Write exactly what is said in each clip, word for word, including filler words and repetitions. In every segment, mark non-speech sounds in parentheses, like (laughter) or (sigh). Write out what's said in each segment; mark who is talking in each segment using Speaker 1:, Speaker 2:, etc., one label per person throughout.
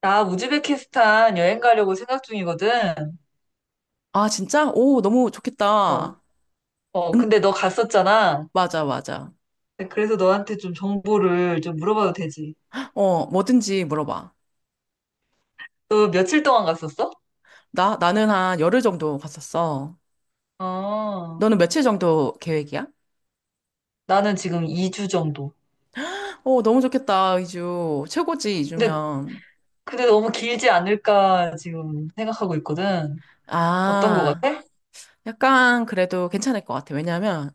Speaker 1: 나 우즈베키스탄 여행 가려고 생각 중이거든.
Speaker 2: 아, 진짜? 오, 너무
Speaker 1: 어,
Speaker 2: 좋겠다.
Speaker 1: 어,
Speaker 2: 응,
Speaker 1: 근데 너 갔었잖아.
Speaker 2: 맞아, 맞아.
Speaker 1: 네, 그래서 너한테 좀 정보를 좀 물어봐도 되지.
Speaker 2: 어, 뭐든지 물어봐.
Speaker 1: 너 며칠 동안 갔었어?
Speaker 2: 나, 나는 한 열흘 정도 갔었어.
Speaker 1: 아,
Speaker 2: 너는 며칠 정도 계획이야?
Speaker 1: 나는 지금 이 주 정도.
Speaker 2: 오 너무 좋겠다, 이주. 최고지,
Speaker 1: 근데,
Speaker 2: 이주면.
Speaker 1: 근데 너무 길지 않을까 지금 생각하고 있거든. 어떤 거
Speaker 2: 아,
Speaker 1: 같아?
Speaker 2: 약간 그래도 괜찮을 것 같아. 왜냐면,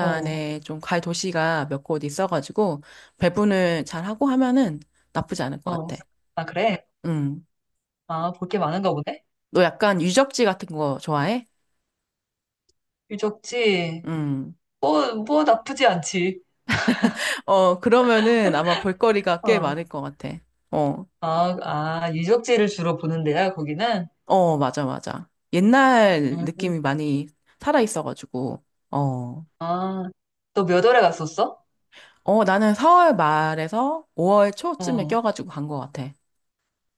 Speaker 1: 어,
Speaker 2: 좀 갈 도시가 몇 곳 있어가지고, 배분을 잘 하고 하면은 나쁘지 않을 것
Speaker 1: 어.
Speaker 2: 같아.
Speaker 1: 아, 그래?
Speaker 2: 응.
Speaker 1: 아, 볼 게 많은가 보네?
Speaker 2: 너 약간 유적지 같은 거 좋아해?
Speaker 1: 유적지.
Speaker 2: 음.
Speaker 1: 뭐, 뭐 나쁘지 않지.
Speaker 2: 어, 그러면은 아마 볼거리가 꽤
Speaker 1: 어.
Speaker 2: 많을 것 같아. 어,
Speaker 1: 아, 아, 유적지를 주로 보는 데야, 거기는?
Speaker 2: 어, 맞아, 맞아. 옛날
Speaker 1: 음.
Speaker 2: 느낌이 많이 살아있어가지고, 어,
Speaker 1: 아, 너 몇 월에 갔었어?
Speaker 2: 어, 나는 사월 말에서 오월 초쯤에
Speaker 1: 어.
Speaker 2: 껴가지고 간 것 같아.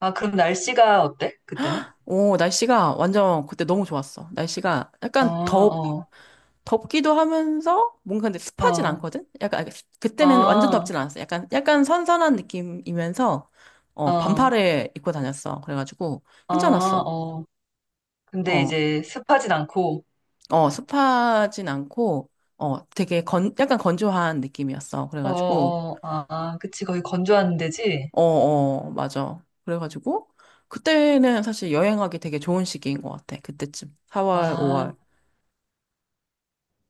Speaker 1: 아, 그럼 날씨가 어때? 그때는?
Speaker 2: 오, 날씨가 완전 그때 너무 좋았어. 날씨가
Speaker 1: 어,
Speaker 2: 약간 덥,
Speaker 1: 어,
Speaker 2: 덥기도 하면서 뭔가 근데 습하진
Speaker 1: 어,
Speaker 2: 않거든? 약간, 아니, 그때는 완전
Speaker 1: 아,
Speaker 2: 덥진 않았어. 약간, 약간 선선한 느낌이면서, 어,
Speaker 1: 어,
Speaker 2: 반팔을 입고 다녔어. 그래가지고,
Speaker 1: 아,
Speaker 2: 괜찮았어.
Speaker 1: 어. 근데
Speaker 2: 어,
Speaker 1: 이제 습하진 않고,
Speaker 2: 어, 습하진 않고, 어, 되게 건, 약간 건조한 느낌이었어.
Speaker 1: 어,
Speaker 2: 그래가지고,
Speaker 1: 어, 아, 아, 그치. 거의 건조한 데지?
Speaker 2: 어, 어, 맞아. 그래가지고, 그때는 사실 여행하기 되게 좋은 시기인 것 같아. 그때쯤. 사월,
Speaker 1: 아,
Speaker 2: 오월.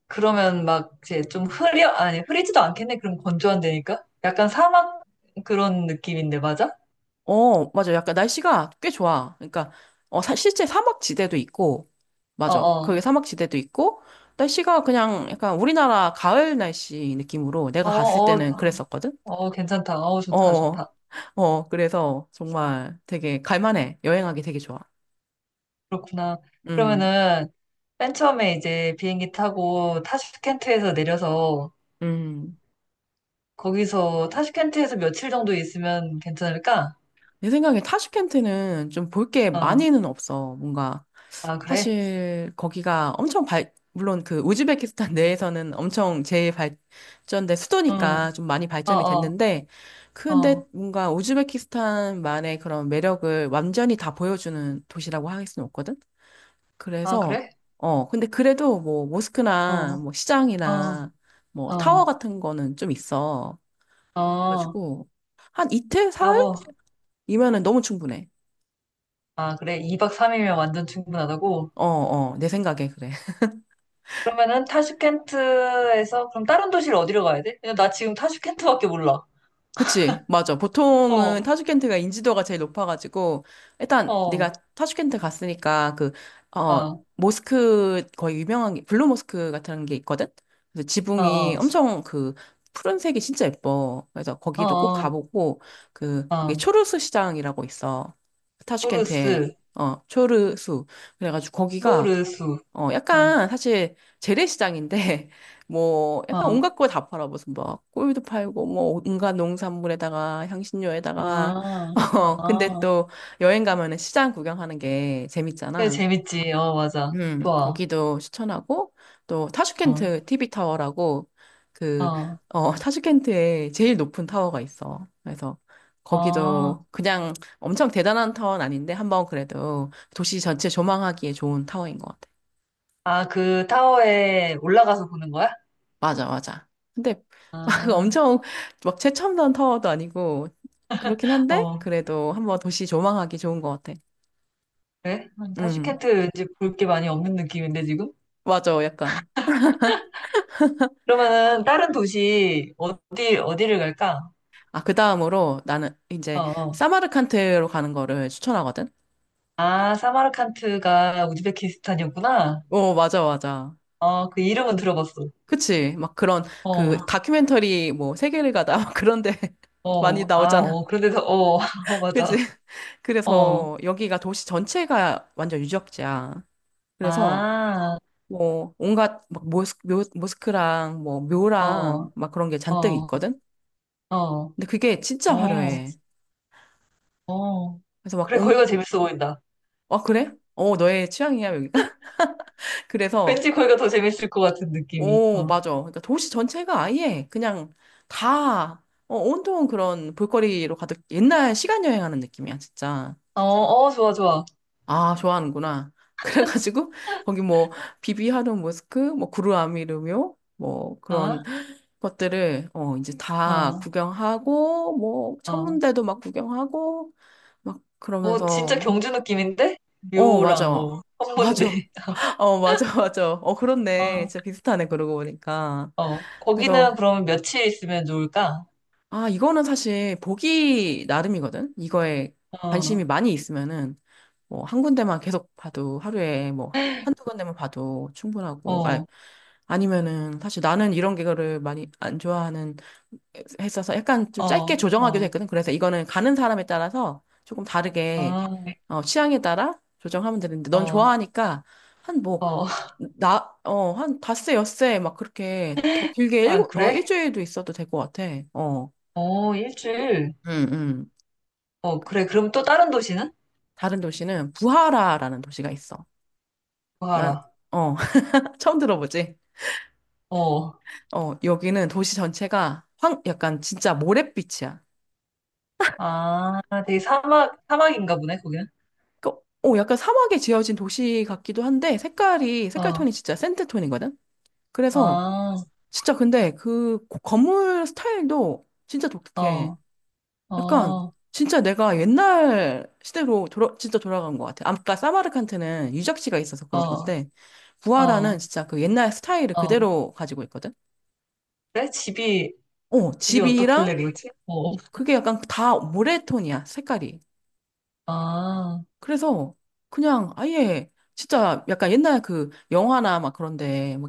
Speaker 1: 그러면 막 이제 좀 흐려, 아니, 흐리지도 않겠네. 그럼 건조한 데니까? 약간 사막 그런 느낌인데, 맞아?
Speaker 2: 어, 맞아. 약간 날씨가 꽤 좋아. 그러니까, 어, 사, 실제 사막지대도 있고,
Speaker 1: 어,
Speaker 2: 맞아. 거기
Speaker 1: 어,
Speaker 2: 사막지대도 있고, 날씨가 그냥 약간 우리나라 가을 날씨 느낌으로
Speaker 1: 어,
Speaker 2: 내가 갔을
Speaker 1: 어,
Speaker 2: 때는 그랬었거든?
Speaker 1: 어, 괜찮다. 어, 좋다,
Speaker 2: 어,
Speaker 1: 좋다.
Speaker 2: 어, 그래서 정말 되게 갈만해. 여행하기 되게 좋아.
Speaker 1: 그렇구나.
Speaker 2: 음.
Speaker 1: 그러면은 맨 처음에 이제 비행기 타고 타슈켄트에서 내려서
Speaker 2: 음,
Speaker 1: 거기서 타슈켄트에서 며칠 정도 있으면 괜찮을까?
Speaker 2: 내 생각에 타슈켄트는 좀 볼 게
Speaker 1: 어.
Speaker 2: 많이는 없어. 뭔가
Speaker 1: 아, 그래?
Speaker 2: 사실 거기가 엄청 발 물론 그 우즈베키스탄 (laughs) 내에서는 엄청 제일 발전된
Speaker 1: 어.
Speaker 2: 수도니까 좀 많이
Speaker 1: 어,
Speaker 2: 발전이
Speaker 1: 어.
Speaker 2: 됐는데 근데
Speaker 1: 어.
Speaker 2: 뭔가 우즈베키스탄만의 그런 매력을 완전히 다 보여주는 도시라고 할 수는 없거든.
Speaker 1: 아,
Speaker 2: 그래서
Speaker 1: 그래?
Speaker 2: 어 근데 그래도 뭐 모스크나
Speaker 1: 어.
Speaker 2: 뭐
Speaker 1: 어.
Speaker 2: 시장이나 뭐 타워
Speaker 1: 어.
Speaker 2: 같은 거는 좀 있어.
Speaker 1: 어.
Speaker 2: 가지고 한 이틀
Speaker 1: 아,
Speaker 2: 사흘
Speaker 1: 뭐.
Speaker 2: 이면은 너무 충분해.
Speaker 1: 아, 그래. 이 박 삼 일이면 완전 충분하다고.
Speaker 2: 어, 어, 내 생각에 그래. (laughs)
Speaker 1: 그러면은 타슈켄트에서 그럼 다른 도시를 어디로 가야 돼? 그냥 나 지금 타슈켄트밖에 몰라.
Speaker 2: 그치, 맞아. 보통은
Speaker 1: 어.
Speaker 2: 타슈켄트가 인지도가 제일 높아가지고,
Speaker 1: 어.
Speaker 2: 일단
Speaker 1: 어.
Speaker 2: 네가 타슈켄트 갔으니까 그, 어,
Speaker 1: 어.
Speaker 2: 모스크 거의 유명한 게, 블루 모스크 같은 게 있거든? 그래서
Speaker 1: 어.
Speaker 2: 지붕이
Speaker 1: 어.
Speaker 2: 엄청 그, 푸른색이 진짜 예뻐. 그래서 거기도 꼭
Speaker 1: 어.
Speaker 2: 가보고, 그,
Speaker 1: 어.
Speaker 2: 거기
Speaker 1: 어.
Speaker 2: 초르수 시장이라고 있어. 타슈켄트에,
Speaker 1: 토르스.
Speaker 2: 어, 초르수. 그래가지고 거기가
Speaker 1: 토르수.
Speaker 2: 어,
Speaker 1: 어,
Speaker 2: 약간 사실 재래시장인데 (laughs) 뭐 약간
Speaker 1: 어,
Speaker 2: 온갖 걸 다 팔아 무슨 막 꿀도 팔고 뭐 온갖 농산물에다가 향신료에다가
Speaker 1: 아,
Speaker 2: (laughs) 어 근데
Speaker 1: 아.
Speaker 2: 또 여행 가면은 시장 구경하는 게
Speaker 1: 그래,
Speaker 2: 재밌잖아.
Speaker 1: 재밌지. 어, 맞아.
Speaker 2: 음
Speaker 1: 좋아.
Speaker 2: 거기도 추천하고 또
Speaker 1: 어,
Speaker 2: 타슈켄트 티비 타워라고
Speaker 1: 어,
Speaker 2: 그어 타슈켄트에 제일 높은 타워가 있어. 그래서
Speaker 1: 어.
Speaker 2: 거기도 그냥 엄청 대단한 타워는 아닌데 한번 그래도 도시 전체 조망하기에 좋은 타워인 것 같아.
Speaker 1: 아, 그 타워에 올라가서 보는 거야?
Speaker 2: 맞아, 맞아. 근데 (laughs)
Speaker 1: 아,
Speaker 2: 엄청 막 최첨단 타워도 아니고 그렇긴 한데
Speaker 1: 어,
Speaker 2: 그래도 한번 도시 조망하기 좋은 것 같아.
Speaker 1: 그래? 음,
Speaker 2: 음,
Speaker 1: 타슈켄트 이제 볼 게 많이 없는 느낌인데, 지금?
Speaker 2: 맞아, 약간.
Speaker 1: 그러면은 다른 도시, 어디, 어디를 갈까?
Speaker 2: 아, 그 다음으로 나는
Speaker 1: 어,
Speaker 2: 이제
Speaker 1: 어.
Speaker 2: 사마르칸트로 가는 거를 추천하거든.
Speaker 1: 아, 사마르칸트가 우즈베키스탄이었구나.
Speaker 2: 오 맞아, 맞아.
Speaker 1: 어, 그 이름은 들어봤어.
Speaker 2: 그치? 막 그런 그
Speaker 1: 어,
Speaker 2: 다큐멘터리 뭐 세계를 가다 막 그런데 (laughs) 많이
Speaker 1: 어, 아,
Speaker 2: 나오잖아.
Speaker 1: 어, 그런데서, 어, (laughs) 어,
Speaker 2: 그치?
Speaker 1: 맞아. 어,
Speaker 2: 그래서 여기가 도시 전체가 완전 유적지야. 그래서
Speaker 1: 아.
Speaker 2: 뭐 온갖 막 모스, 묘, 모스크랑 뭐 묘랑
Speaker 1: 어,
Speaker 2: 막 그런 게 잔뜩
Speaker 1: 어,
Speaker 2: 있거든.
Speaker 1: 어,
Speaker 2: 근데 그게 진짜
Speaker 1: 어,
Speaker 2: 화려해.
Speaker 1: 어.
Speaker 2: 그래서 막
Speaker 1: 그래,
Speaker 2: 온,
Speaker 1: 거기가 재밌어 보인다.
Speaker 2: 아 그래? 어 너의 취향이야 여기가? (laughs) 그래서
Speaker 1: 왠지 거기가 더 재밌을 것 같은 느낌이.
Speaker 2: 오
Speaker 1: 어,
Speaker 2: 맞아. 그러니까 도시 전체가 아예 그냥 다 어, 온통 그런 볼거리로 가득 옛날 시간 여행하는 느낌이야 진짜.
Speaker 1: 어, 어, 좋아, 좋아.
Speaker 2: 아, 좋아하는구나. (laughs) 그래가지고, 거기 뭐, 비비하르 모스크, 뭐, 구루아미르묘, 뭐, 그런
Speaker 1: 어,
Speaker 2: 것들을, 어, 이제 다
Speaker 1: 어,
Speaker 2: 구경하고, 뭐,
Speaker 1: 어.
Speaker 2: 천문대도 막 구경하고, 막,
Speaker 1: 뭐, 진짜
Speaker 2: 그러면서,
Speaker 1: 경주 느낌인데?
Speaker 2: 어,
Speaker 1: 묘랑
Speaker 2: 맞아.
Speaker 1: 뭐,
Speaker 2: 맞아.
Speaker 1: 헌문대. (laughs)
Speaker 2: (laughs) 어, 맞아, 맞아. 어, 그렇네.
Speaker 1: 어,
Speaker 2: 진짜 비슷하네, 그러고 보니까.
Speaker 1: 어. 거기는
Speaker 2: 그래서,
Speaker 1: 그러면 며칠 있으면 좋을까?
Speaker 2: 아, 이거는 사실 보기 나름이거든? 이거에
Speaker 1: 어,
Speaker 2: 관심이 많이 있으면은. 뭐 한 군데만 계속 봐도 하루에 뭐 한두 군데만 봐도 충분하고 아
Speaker 1: 어,
Speaker 2: 아니면은 사실 나는 이런 거를 많이 안 좋아하는 했어서 약간 좀 짧게
Speaker 1: 어, 어,
Speaker 2: 조정하기도 했거든. 그래서 이거는 가는 사람에 따라서 조금 다르게
Speaker 1: 어,
Speaker 2: 어 취향에 따라 조정하면 되는데 넌
Speaker 1: 어,
Speaker 2: 좋아하니까 한 뭐
Speaker 1: 어.
Speaker 2: 나 어 한 닷새 엿새 막 그렇게 더 길게 일,
Speaker 1: 아,
Speaker 2: 어
Speaker 1: 그래?
Speaker 2: 일주일도 있어도 될 것 같아. 어.
Speaker 1: 어, 일주일.
Speaker 2: 음, 음.
Speaker 1: 어, 그래. 그럼 또 다른 도시는?
Speaker 2: 다른 도시는 부하라라는 도시가 있어. 난
Speaker 1: 뭐하라.
Speaker 2: 어 (laughs) 처음 들어보지?
Speaker 1: 어.
Speaker 2: 어, 여기는 도시 전체가 황, 약간 진짜 모래빛이야.
Speaker 1: 아, 되게 사막, 사막인가 보네, 거기는.
Speaker 2: 그, 어, 약간 사막에 지어진 도시 같기도 한데 색깔이, 색깔
Speaker 1: 어,
Speaker 2: 톤이 진짜 샌드 톤이거든? 그래서
Speaker 1: 아,
Speaker 2: 진짜 근데 그 고- 건물 스타일도 진짜 독특해.
Speaker 1: 어, 어,
Speaker 2: 약간
Speaker 1: 어,
Speaker 2: 진짜 내가 옛날 시대로 돌아, 진짜 돌아간 것 같아. 아까 사마르칸트는 유적지가 있어서 그럴 건데 부하라는
Speaker 1: 어,
Speaker 2: 진짜 그 옛날 스타일을
Speaker 1: 어.
Speaker 2: 그대로 가지고 있거든?
Speaker 1: 그래? 집이,
Speaker 2: 어,
Speaker 1: 집이 어떻길래
Speaker 2: 집이랑
Speaker 1: 그러지? 어,
Speaker 2: 그게 약간 다 모래톤이야, 색깔이.
Speaker 1: 어.
Speaker 2: 그래서 그냥 아예 진짜 약간 옛날 그 영화나 막 그런데 뭐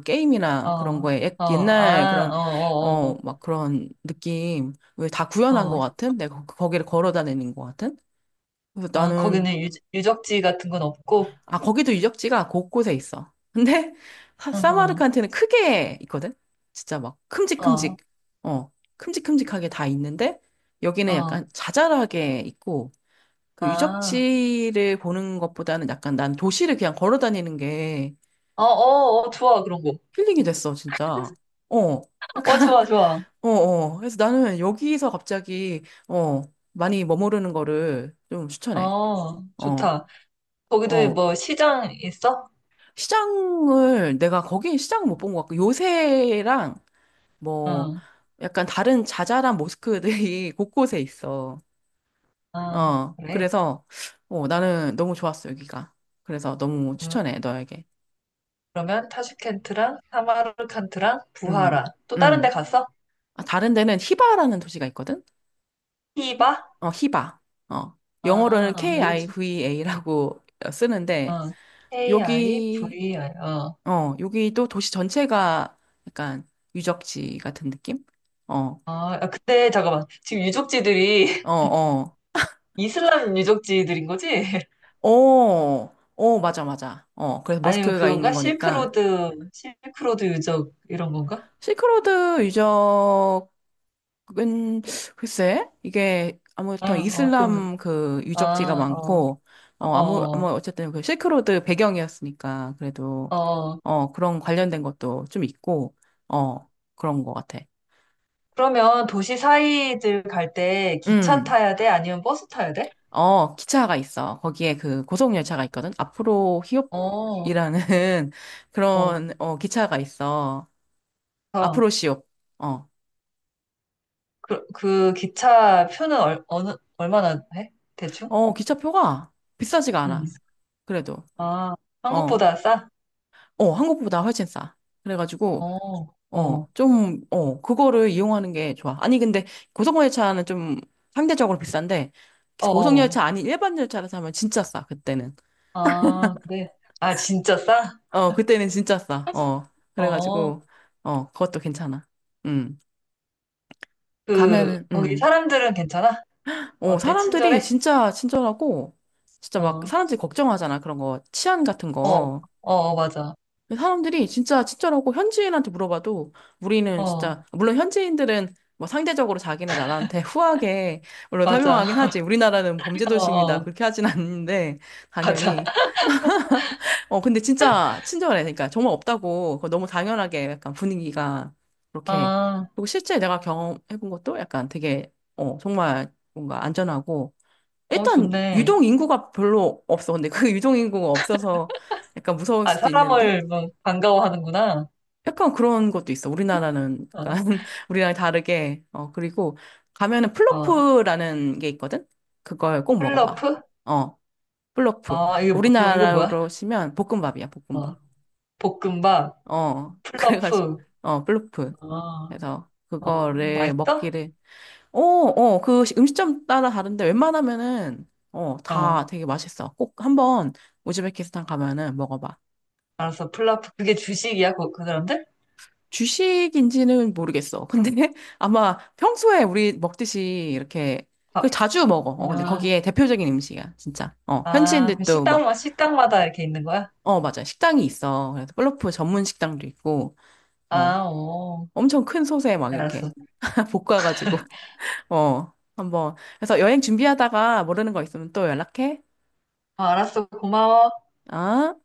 Speaker 1: 아,
Speaker 2: 게임이나 그런
Speaker 1: 어,
Speaker 2: 거에 옛-
Speaker 1: 어,
Speaker 2: 옛날
Speaker 1: 아,
Speaker 2: 그런
Speaker 1: 어,
Speaker 2: 어
Speaker 1: 어,
Speaker 2: 막 그런 느낌 왜 다
Speaker 1: 어,
Speaker 2: 구현한 것
Speaker 1: 어.
Speaker 2: 같은 내가 거- 거기를 걸어 다니는 것 같은 그래서
Speaker 1: 아,
Speaker 2: 나는
Speaker 1: 거기는 유, 유적지 같은 건 없고,
Speaker 2: 아 거기도 유적지가 곳곳에 있어 (laughs) 근데 사-
Speaker 1: 어, 어,
Speaker 2: 사마르칸트는 크게 있거든 진짜 막
Speaker 1: 어,
Speaker 2: 큼직큼직 어 큼직큼직하게 다 있는데 여기는
Speaker 1: 어,
Speaker 2: 약간 자잘하게 있고 그
Speaker 1: 아,
Speaker 2: 유적지를 보는 것보다는 약간 난 도시를 그냥 걸어 다니는 게
Speaker 1: 어, 어, 어, 좋아, 그런 거.
Speaker 2: 힐링이 됐어, 진짜. 어,
Speaker 1: 어,
Speaker 2: 약간,
Speaker 1: 좋아,
Speaker 2: (laughs)
Speaker 1: 좋아.
Speaker 2: 어, 어. 그래서 나는 여기서 갑자기, 어, 많이 머무르는 거를 좀 추천해.
Speaker 1: 어,
Speaker 2: 어,
Speaker 1: 좋다. 거기도
Speaker 2: 어.
Speaker 1: 뭐 시장 있어?
Speaker 2: 시장을, 내가 거기 시장을 못 본 것 같고, 요새랑 뭐,
Speaker 1: 응,
Speaker 2: 약간 다른 자잘한 모스크들이 (laughs) 곳곳에 있어.
Speaker 1: 아,
Speaker 2: 어,
Speaker 1: 그래.
Speaker 2: 그래서, 어, 나는 너무 좋았어, 여기가. 그래서 너무
Speaker 1: 음.
Speaker 2: 추천해, 너에게.
Speaker 1: 그러면 타슈켄트랑 사마르칸트랑 부하
Speaker 2: 음,
Speaker 1: 라 또 다른 데
Speaker 2: 음.
Speaker 1: 갔어?
Speaker 2: 아, 다른 데는 히바라는 도시가 있거든?
Speaker 1: 히바?
Speaker 2: 어, 히바. 어. 영어로는
Speaker 1: 아, 여기 지-
Speaker 2: 키바라고 (laughs) 쓰는데,
Speaker 1: 어,
Speaker 2: 여기,
Speaker 1: 케이아이브이아이. 어.
Speaker 2: 어, 여기도 도시 전체가 약간 유적지 같은 느낌? 어,
Speaker 1: 아, 아, 근데 잠깐만. 지금 유적지들이
Speaker 2: 어,
Speaker 1: (laughs)
Speaker 2: 어.
Speaker 1: 이슬람 유적지들인 거지? (laughs)
Speaker 2: 어, 어, 맞아, 맞아. 어, 그래서
Speaker 1: 아니면
Speaker 2: 모스크가 있는
Speaker 1: 그건가?
Speaker 2: 거니까.
Speaker 1: 실크로드, 실크로드 유적 이런 건가?
Speaker 2: 실크로드 유적, 은, 글쎄, 이게
Speaker 1: 어,
Speaker 2: 아무튼
Speaker 1: 어, 그거
Speaker 2: 이슬람 그 유적지가
Speaker 1: 아, 어,
Speaker 2: 많고, 어, 아무, 뭐, 어쨌든 그 실크로드 배경이었으니까, 그래도,
Speaker 1: 어, 어.
Speaker 2: 어, 그런 관련된 것도 좀 있고, 어, 그런 것 같아.
Speaker 1: 그러면 도시 사이들 갈 때 기차
Speaker 2: 음,
Speaker 1: 타야 돼? 아니면 버스 타야 돼?
Speaker 2: 어, 기차가 있어. 거기에 그 고속열차가 있거든. 앞으로
Speaker 1: 어,
Speaker 2: 히읗이라는 (laughs)
Speaker 1: 어.
Speaker 2: 그런, 어, 기차가 있어. 앞으로
Speaker 1: 어.
Speaker 2: 시옵. 어,
Speaker 1: 그, 그 기차 표는 얼, 어느, 얼마나 해? 대충?
Speaker 2: 어, 기차표가 비싸지가
Speaker 1: 응.
Speaker 2: 않아. 그래도,
Speaker 1: 아,
Speaker 2: 어,
Speaker 1: 한국보다 싸?
Speaker 2: 어, 한국보다 훨씬 싸. 그래가지고,
Speaker 1: 어,
Speaker 2: 어,
Speaker 1: 어,
Speaker 2: 좀, 어, 그거를 이용하는 게 좋아. 아니, 근데 고속열차는 좀 상대적으로 비싼데,
Speaker 1: 어, 어.
Speaker 2: 고속열차 아닌 일반 열차를 타면 진짜 싸, 그때는.
Speaker 1: 아, 그래. 아, 진짜 싸?
Speaker 2: 어, 그때는 진짜 싸. 어,
Speaker 1: 어,
Speaker 2: 그래가지고, 어, 그것도 괜찮아. 음,
Speaker 1: 그,
Speaker 2: 가면은,
Speaker 1: 거기
Speaker 2: 음.
Speaker 1: 사람들은 괜찮아?
Speaker 2: 어,
Speaker 1: 어때?
Speaker 2: 사람들이
Speaker 1: 친절해?
Speaker 2: 진짜 친절하고, 진짜
Speaker 1: 어,
Speaker 2: 막
Speaker 1: 어,
Speaker 2: 사람들이 걱정하잖아. 그런 거, 치안 같은
Speaker 1: 어,
Speaker 2: 거.
Speaker 1: 어, 맞아.
Speaker 2: 사람들이 진짜 친절하고 현지인한테 물어봐도 우리는
Speaker 1: 어,
Speaker 2: 진짜 물론 현지인들은 뭐 상대적으로 자기네 나라한테 (laughs) 후하게 물론 설명하긴
Speaker 1: 맞아.
Speaker 2: 하지 우리나라는 범죄
Speaker 1: (laughs) 어,
Speaker 2: 도시입니다
Speaker 1: 어,
Speaker 2: 그렇게 하진 않는데
Speaker 1: 맞아.
Speaker 2: 당연히 어 근데 진짜 친절해 그러니까 정말 없다고 그거 너무 당연하게 약간 분위기가 그렇게
Speaker 1: 아,
Speaker 2: 그리고 실제 내가 경험해본 것도 약간 되게 어 정말 뭔가 안전하고
Speaker 1: 어,
Speaker 2: 일단
Speaker 1: 좋네.
Speaker 2: 유동 인구가 별로 없어 근데 그 (laughs) 유동 인구가 없어서 약간 무서울
Speaker 1: 아,
Speaker 2: 수도 있는데
Speaker 1: 사람을 뭐 반가워하는구나.
Speaker 2: 약간 그런 것도 있어. 우리나라는 약간
Speaker 1: 어,
Speaker 2: (laughs) 우리랑 다르게. 어, 그리고 가면은
Speaker 1: 어.
Speaker 2: 플로프라는 게 있거든? 그걸 꼭 먹어봐.
Speaker 1: 플러프?
Speaker 2: 어, 플로프.
Speaker 1: 아, 이거, 뭐- 이거 뭐야?
Speaker 2: 우리나라로 치면 볶음밥이야,
Speaker 1: 어,
Speaker 2: 볶음밥.
Speaker 1: 볶음밥,
Speaker 2: 어, (laughs) 그래가지고,
Speaker 1: 플러프.
Speaker 2: 어, 플로프.
Speaker 1: 아,
Speaker 2: 그래서
Speaker 1: 어,
Speaker 2: 그거를
Speaker 1: 맛있어?
Speaker 2: 먹기를. 어, 어, 그 시- 음식점 따라 다른데 웬만하면은, 어,
Speaker 1: 어,
Speaker 2: 다 되게 맛있어. 꼭 한번 우즈베키스탄 가면은 먹어봐.
Speaker 1: 알았어. 플라프, 그게 주식이야, 그, 그 사람들?
Speaker 2: 주식인지는 모르겠어. 근데 (laughs) 아마 평소에 우리 먹듯이 이렇게
Speaker 1: 아,
Speaker 2: 그 자주 먹어. 어, 근데
Speaker 1: 아,
Speaker 2: 거기에 대표적인 음식이야, 진짜. 어,
Speaker 1: 아, 그
Speaker 2: 현지인들도 막,
Speaker 1: 식당마, 식당마다 이렇게 있는 거야?
Speaker 2: 어, 맞아. 식당이 있어. 그래서 플러프 전문 식당도 있고, 어,
Speaker 1: 아, 오,
Speaker 2: 엄청 큰 솥에 막 이렇게
Speaker 1: 알았어.
Speaker 2: (laughs) 볶아가지고, 어, 한번. 그래서 여행 준비하다가 모르는 거 있으면 또 연락해.
Speaker 1: 아, 알았어. 고마워.
Speaker 2: 어?